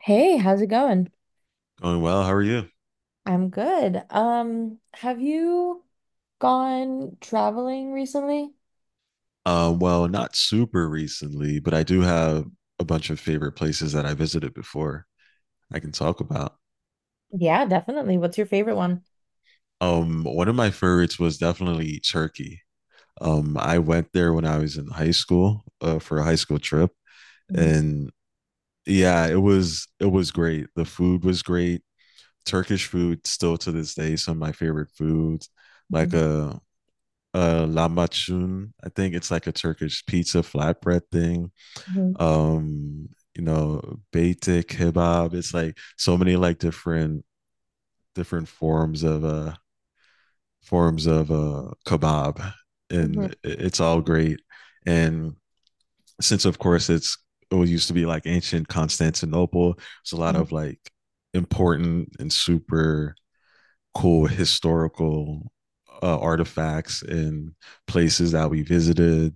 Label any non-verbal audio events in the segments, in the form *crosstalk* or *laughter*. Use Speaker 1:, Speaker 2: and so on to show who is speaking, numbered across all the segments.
Speaker 1: Hey, how's it going?
Speaker 2: Going well. How are you?
Speaker 1: I'm good. Have you gone traveling recently?
Speaker 2: Well, not super recently, but I do have a bunch of favorite places that I visited before I can talk about.
Speaker 1: Yeah, definitely. What's your favorite one?
Speaker 2: One of my favorites was definitely Turkey. I went there when I was in high school for a high school trip,
Speaker 1: Mhm,
Speaker 2: and yeah, it was great. The food was great. Turkish food still to this day some of my favorite foods, like
Speaker 1: mhm,
Speaker 2: a lahmacun. I think it's like a Turkish pizza flatbread thing
Speaker 1: mhm,
Speaker 2: um you know baitic kebab. It's like so many like different forms of kebab,
Speaker 1: mhm,
Speaker 2: and it's all great. And since of course it used to be like ancient Constantinople, it's a lot
Speaker 1: mhm,
Speaker 2: of like important and super cool historical artifacts and places that we visited.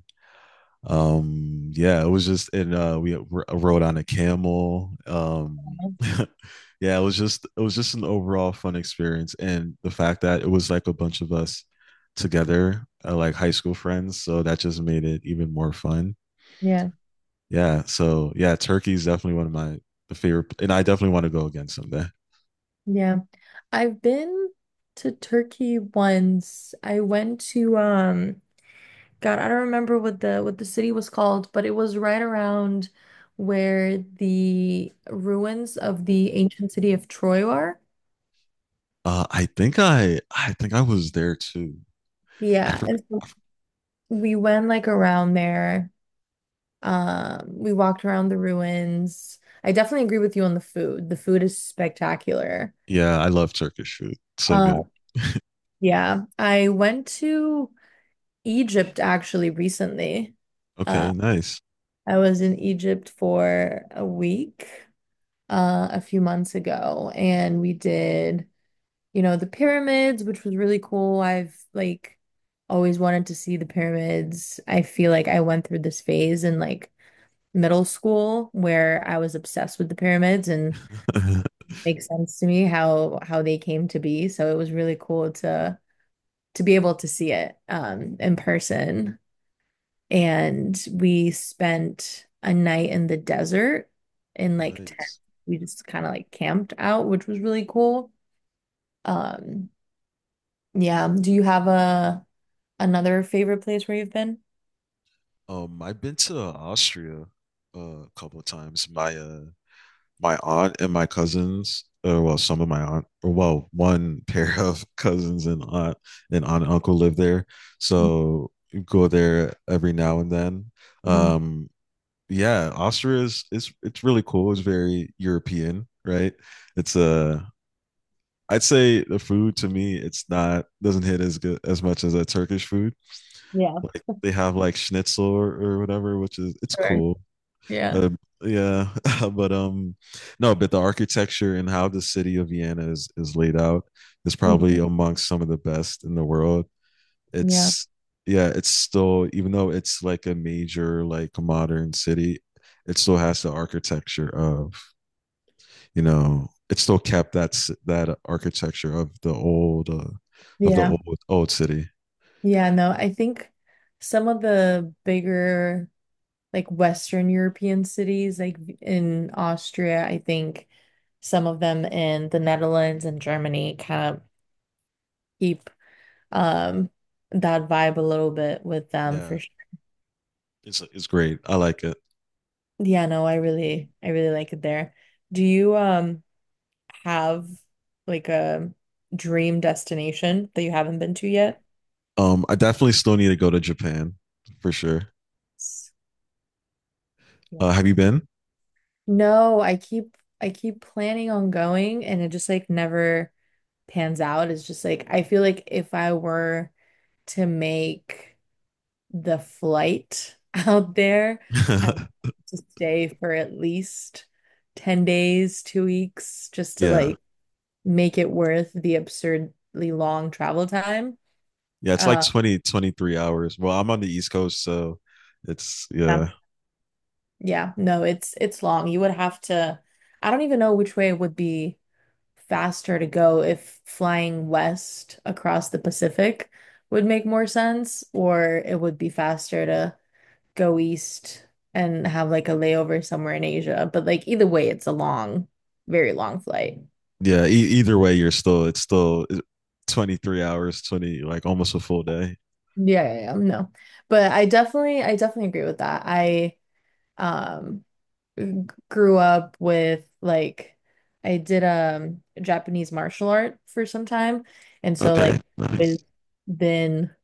Speaker 2: Yeah, it was just and we rode on a camel
Speaker 1: mhm.
Speaker 2: *laughs* yeah, it was just an overall fun experience, and the fact that it was like a bunch of us together like high school friends, so that just made it even more fun.
Speaker 1: Yeah,
Speaker 2: Yeah. So yeah, Turkey is definitely one of my favorite, and I definitely want to go again someday.
Speaker 1: yeah. I've been to Turkey once. I went to God, I don't remember what the city was called, but it was right around where the ruins of the ancient city of Troy are.
Speaker 2: I think I was there too. I
Speaker 1: Yeah,
Speaker 2: forgot.
Speaker 1: and so we went like around there. We walked around the ruins. I definitely agree with you on the food. The food is spectacular.
Speaker 2: Yeah, I love Turkish food. So
Speaker 1: Uh,
Speaker 2: good.
Speaker 1: yeah, I went to Egypt actually recently. Uh,
Speaker 2: Okay, nice.
Speaker 1: I was in Egypt for a week, a few months ago, and we did the pyramids, which was really cool. I've like always wanted to see the pyramids. I feel like I went through this phase in like middle school where I was obsessed with the pyramids and
Speaker 2: *laughs*
Speaker 1: makes sense to me how they came to be. So it was really cool to be able to see it in person. And we spent a night in the desert in like tent.
Speaker 2: Nice.
Speaker 1: We just kind of like camped out, which was really cool. Um yeah. Do you have a another favorite place where you've been?
Speaker 2: I've been to Austria a couple of times. My aunt and my cousins, or well, some of my aunt, or well, one *laughs* pair of cousins and aunt and uncle live there, so go there every now and then.
Speaker 1: Mhm.
Speaker 2: Um, yeah, Austria is it's really cool. It's very European, right? It's a I'd say the food to me, it's not doesn't hit as good as much as a Turkish food.
Speaker 1: Yeah,
Speaker 2: Like they have like schnitzel or whatever, which is it's
Speaker 1: sure.
Speaker 2: cool.
Speaker 1: Yeah.
Speaker 2: Uh yeah, *laughs* but no, but the architecture and how the city of Vienna is laid out is probably
Speaker 1: Mhm.
Speaker 2: amongst some of the best in the world.
Speaker 1: Yeah.
Speaker 2: It's Yeah, it's still, even though it's like a major like modern city, it still has the architecture of, you know, it still kept that architecture of the old
Speaker 1: Yeah.
Speaker 2: old city.
Speaker 1: Yeah. No, I think some of the bigger like Western European cities, like in Austria, I think some of them in the Netherlands and Germany kind of keep um that vibe a little bit with them
Speaker 2: Yeah,
Speaker 1: for sure.
Speaker 2: it's great. I like it.
Speaker 1: Yeah, no, I really like it there. Do you have like a dream destination that you haven't been to yet?
Speaker 2: I definitely still need to go to Japan for sure.
Speaker 1: S- Yeah.
Speaker 2: Have you been?
Speaker 1: No, I keep planning on going and it just like never pans out. It's just like I feel like if I were to make the flight *laughs* out there. I have
Speaker 2: *laughs*
Speaker 1: to stay for at least 10 days, 2 weeks, just to
Speaker 2: Yeah.
Speaker 1: like make it worth the absurdly long travel time.
Speaker 2: Yeah, it's like
Speaker 1: Uh,
Speaker 2: 20-23 hours. Well, I'm on the East Coast, so it's
Speaker 1: yeah,
Speaker 2: yeah.
Speaker 1: yeah, no, it's long. You would have to, I don't even know which way would be faster to go if flying west across the Pacific would make more sense, or it would be faster to go east and have like a layover somewhere in Asia. But like either way, it's a long, very long flight.
Speaker 2: Yeah. Either way, you're still it's still 23 hours, 20 like almost a full day.
Speaker 1: Yeah, yeah, yeah, no. But I definitely agree with that. I um g- grew up with like I did Japanese martial art for some time, and so
Speaker 2: Okay,
Speaker 1: like
Speaker 2: nice.
Speaker 1: it's been,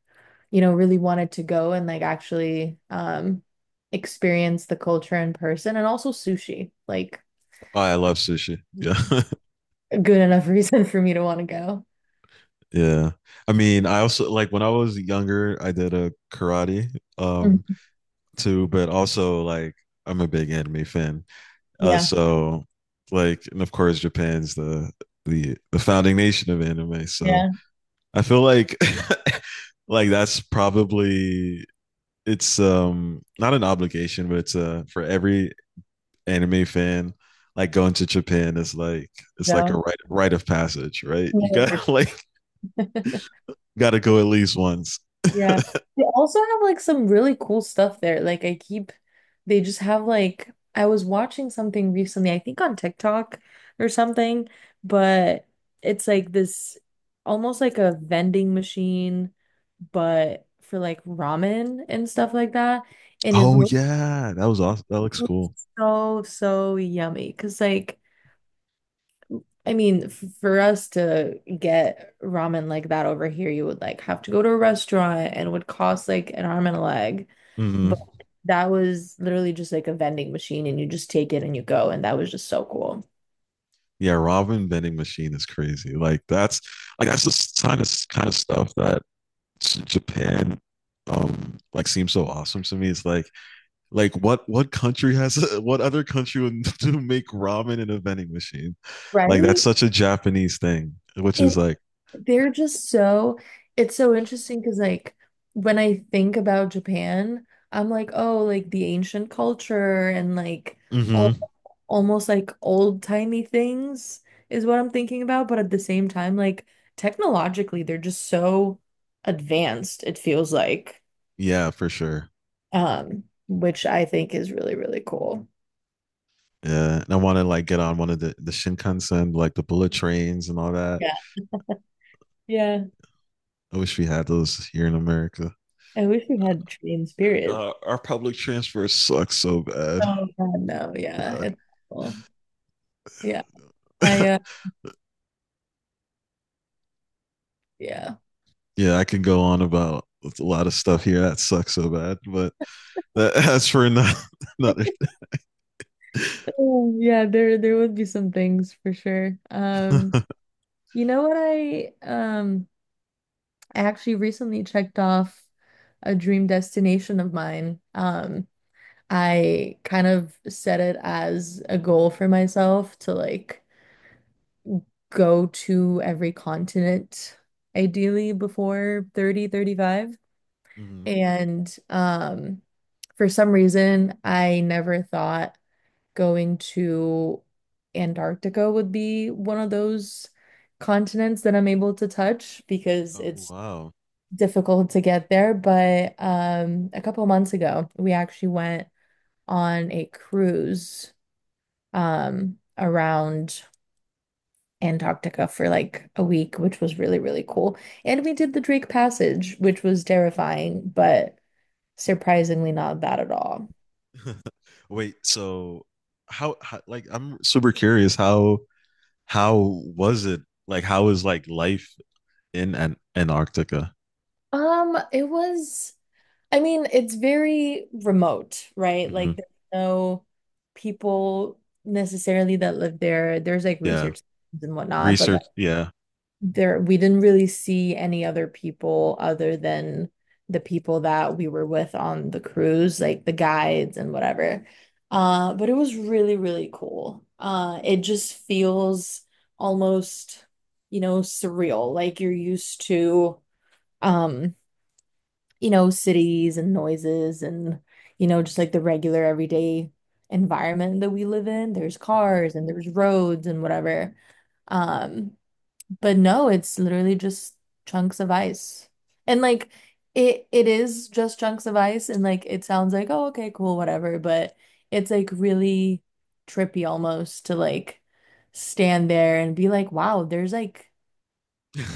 Speaker 1: really wanted to go and like actually experience the culture in person and also sushi, like
Speaker 2: Oh, I love sushi. Yeah. *laughs*
Speaker 1: a good enough reason *laughs* for me to want to
Speaker 2: Yeah. I mean, I also like when I was younger, I did a karate
Speaker 1: go.
Speaker 2: too, but also like I'm a big anime fan.
Speaker 1: Yeah,
Speaker 2: So like, and of course, Japan's the founding nation of anime. So
Speaker 1: yeah,
Speaker 2: I feel like *laughs* like that's probably it's not an obligation, but it's for every anime fan. Like going to Japan is like it's like a
Speaker 1: no.
Speaker 2: rite of passage, right? You
Speaker 1: No.
Speaker 2: got *laughs* like
Speaker 1: *laughs*
Speaker 2: got to go at least once.
Speaker 1: Yeah. They also have like some really cool stuff there. Like I keep they just have like I was watching something recently, I think on TikTok or something, but it's like this almost like a vending machine, but for like ramen and stuff like that. And it
Speaker 2: Oh
Speaker 1: looks,
Speaker 2: yeah, that was awesome. That looks
Speaker 1: looks
Speaker 2: cool.
Speaker 1: so, so yummy. Cause like I mean, for us to get ramen like that over here, you would like have to go to a restaurant and would cost like an arm and a leg.
Speaker 2: Hmm.
Speaker 1: But that was literally just like a vending machine and you just take it and you go. And that was just so cool.
Speaker 2: Yeah, ramen vending machine is crazy. Like that's the kind of stuff that Japan like seems so awesome to me. It's like what country has *laughs* what other country would *laughs* do make ramen in a vending machine? Like that's
Speaker 1: Right?
Speaker 2: such a Japanese thing, which is
Speaker 1: It
Speaker 2: like.
Speaker 1: They're just so, it's so interesting because, like, when I think about Japan, I'm like, oh, like the ancient culture and like all
Speaker 2: Mhm.
Speaker 1: almost like old timey things is what I'm thinking about. But at the same time, like, technologically, they're just so advanced, it feels like,
Speaker 2: Yeah, for sure.
Speaker 1: which I think is really, really cool.
Speaker 2: Yeah, and I want to like get on one of the Shinkansen, like the bullet trains and all that.
Speaker 1: Yeah. Yeah.
Speaker 2: I wish we had those here in America.
Speaker 1: I wish we had trains, period.
Speaker 2: God, our public transport sucks so bad.
Speaker 1: Oh, God, no. Yeah. It's cool. Yeah. I, uh,
Speaker 2: *laughs*
Speaker 1: yeah.
Speaker 2: Yeah, I can go on about a lot of stuff here that sucks so bad, but *laughs* that's for *laughs* another.
Speaker 1: Oh, yeah, there would be some things for sure. You know what I actually recently checked off a dream destination of mine. I kind of set it as a goal for myself to like go to every continent ideally before 30 35.
Speaker 2: Mhm.
Speaker 1: And for some reason I never thought going to Antarctica would be one of those continents that I'm able to touch because
Speaker 2: Oh
Speaker 1: it's
Speaker 2: wow!
Speaker 1: difficult to get there. But a couple months ago, we actually went on a cruise around Antarctica for like a week, which was really, really cool. And we did the Drake Passage, which was terrifying, but surprisingly not bad at all.
Speaker 2: *laughs* Wait, so how? Like, I'm super curious. How was it? Like, how is like life in Antarctica?
Speaker 1: It was. I mean, it's very remote, right? Like
Speaker 2: Mhm.
Speaker 1: there's no people necessarily that live there. There's like
Speaker 2: Yeah,
Speaker 1: research and whatnot, but like
Speaker 2: research. Yeah,
Speaker 1: there we didn't really see any other people other than the people that we were with on the cruise, like the guides and whatever. But it was really, really cool. It just feels almost, surreal, like you're used to um cities and noises and, just like the regular everyday environment that we live in. There's
Speaker 2: mm-hmm.
Speaker 1: cars and there's roads and whatever. Um, but no, it's literally just chunks of ice. And like it is just chunks of ice and like it sounds like, oh, okay, cool, whatever, but it's like really trippy almost to like stand there and be like, wow, there's like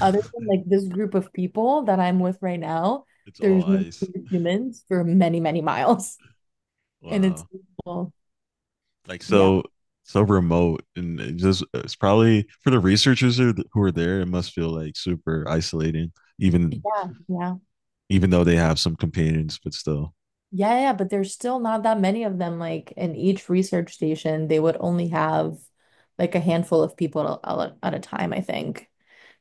Speaker 1: other than like this group of people that I'm with right now,
Speaker 2: It's all
Speaker 1: there's no
Speaker 2: ice.
Speaker 1: other humans for many, many miles. *laughs* And it's
Speaker 2: Wow,
Speaker 1: well,
Speaker 2: like
Speaker 1: yeah,
Speaker 2: so remote, and it's probably for the researchers who are there. It must feel like super isolating, even
Speaker 1: yeah, yeah.
Speaker 2: even though they have some companions, but still.
Speaker 1: Yeah, yeah, but there's still not that many of them. Like in each research station, they would only have like a handful of people at a time, I think.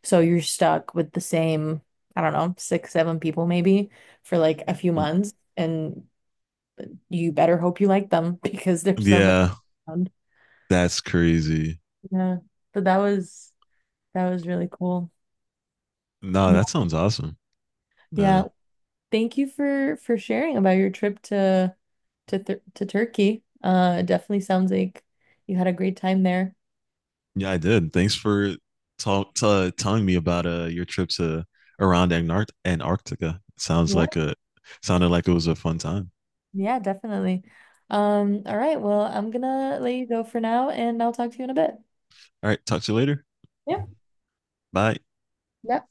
Speaker 1: So you're stuck with the same, I don't know, six, seven people maybe for like a few months. And you better hope you like them *laughs* because there's nobody
Speaker 2: Yeah,
Speaker 1: around.
Speaker 2: that's crazy.
Speaker 1: Yeah. So that was really cool.
Speaker 2: No,
Speaker 1: Yeah.
Speaker 2: that sounds awesome. Uh,
Speaker 1: Yeah. Thank you for sharing about your trip to Turkey. It definitely sounds like you had a great time there.
Speaker 2: yeah, I did. Thanks for telling me about your trip to around Antarctica. Sounds like
Speaker 1: Yeah.
Speaker 2: a sounded like it was a fun time.
Speaker 1: Yeah, definitely. All right. Well, I'm gonna let you go for now and I'll talk to you in a bit.
Speaker 2: All right, talk to you later.
Speaker 1: Yep.
Speaker 2: Bye.
Speaker 1: Yep.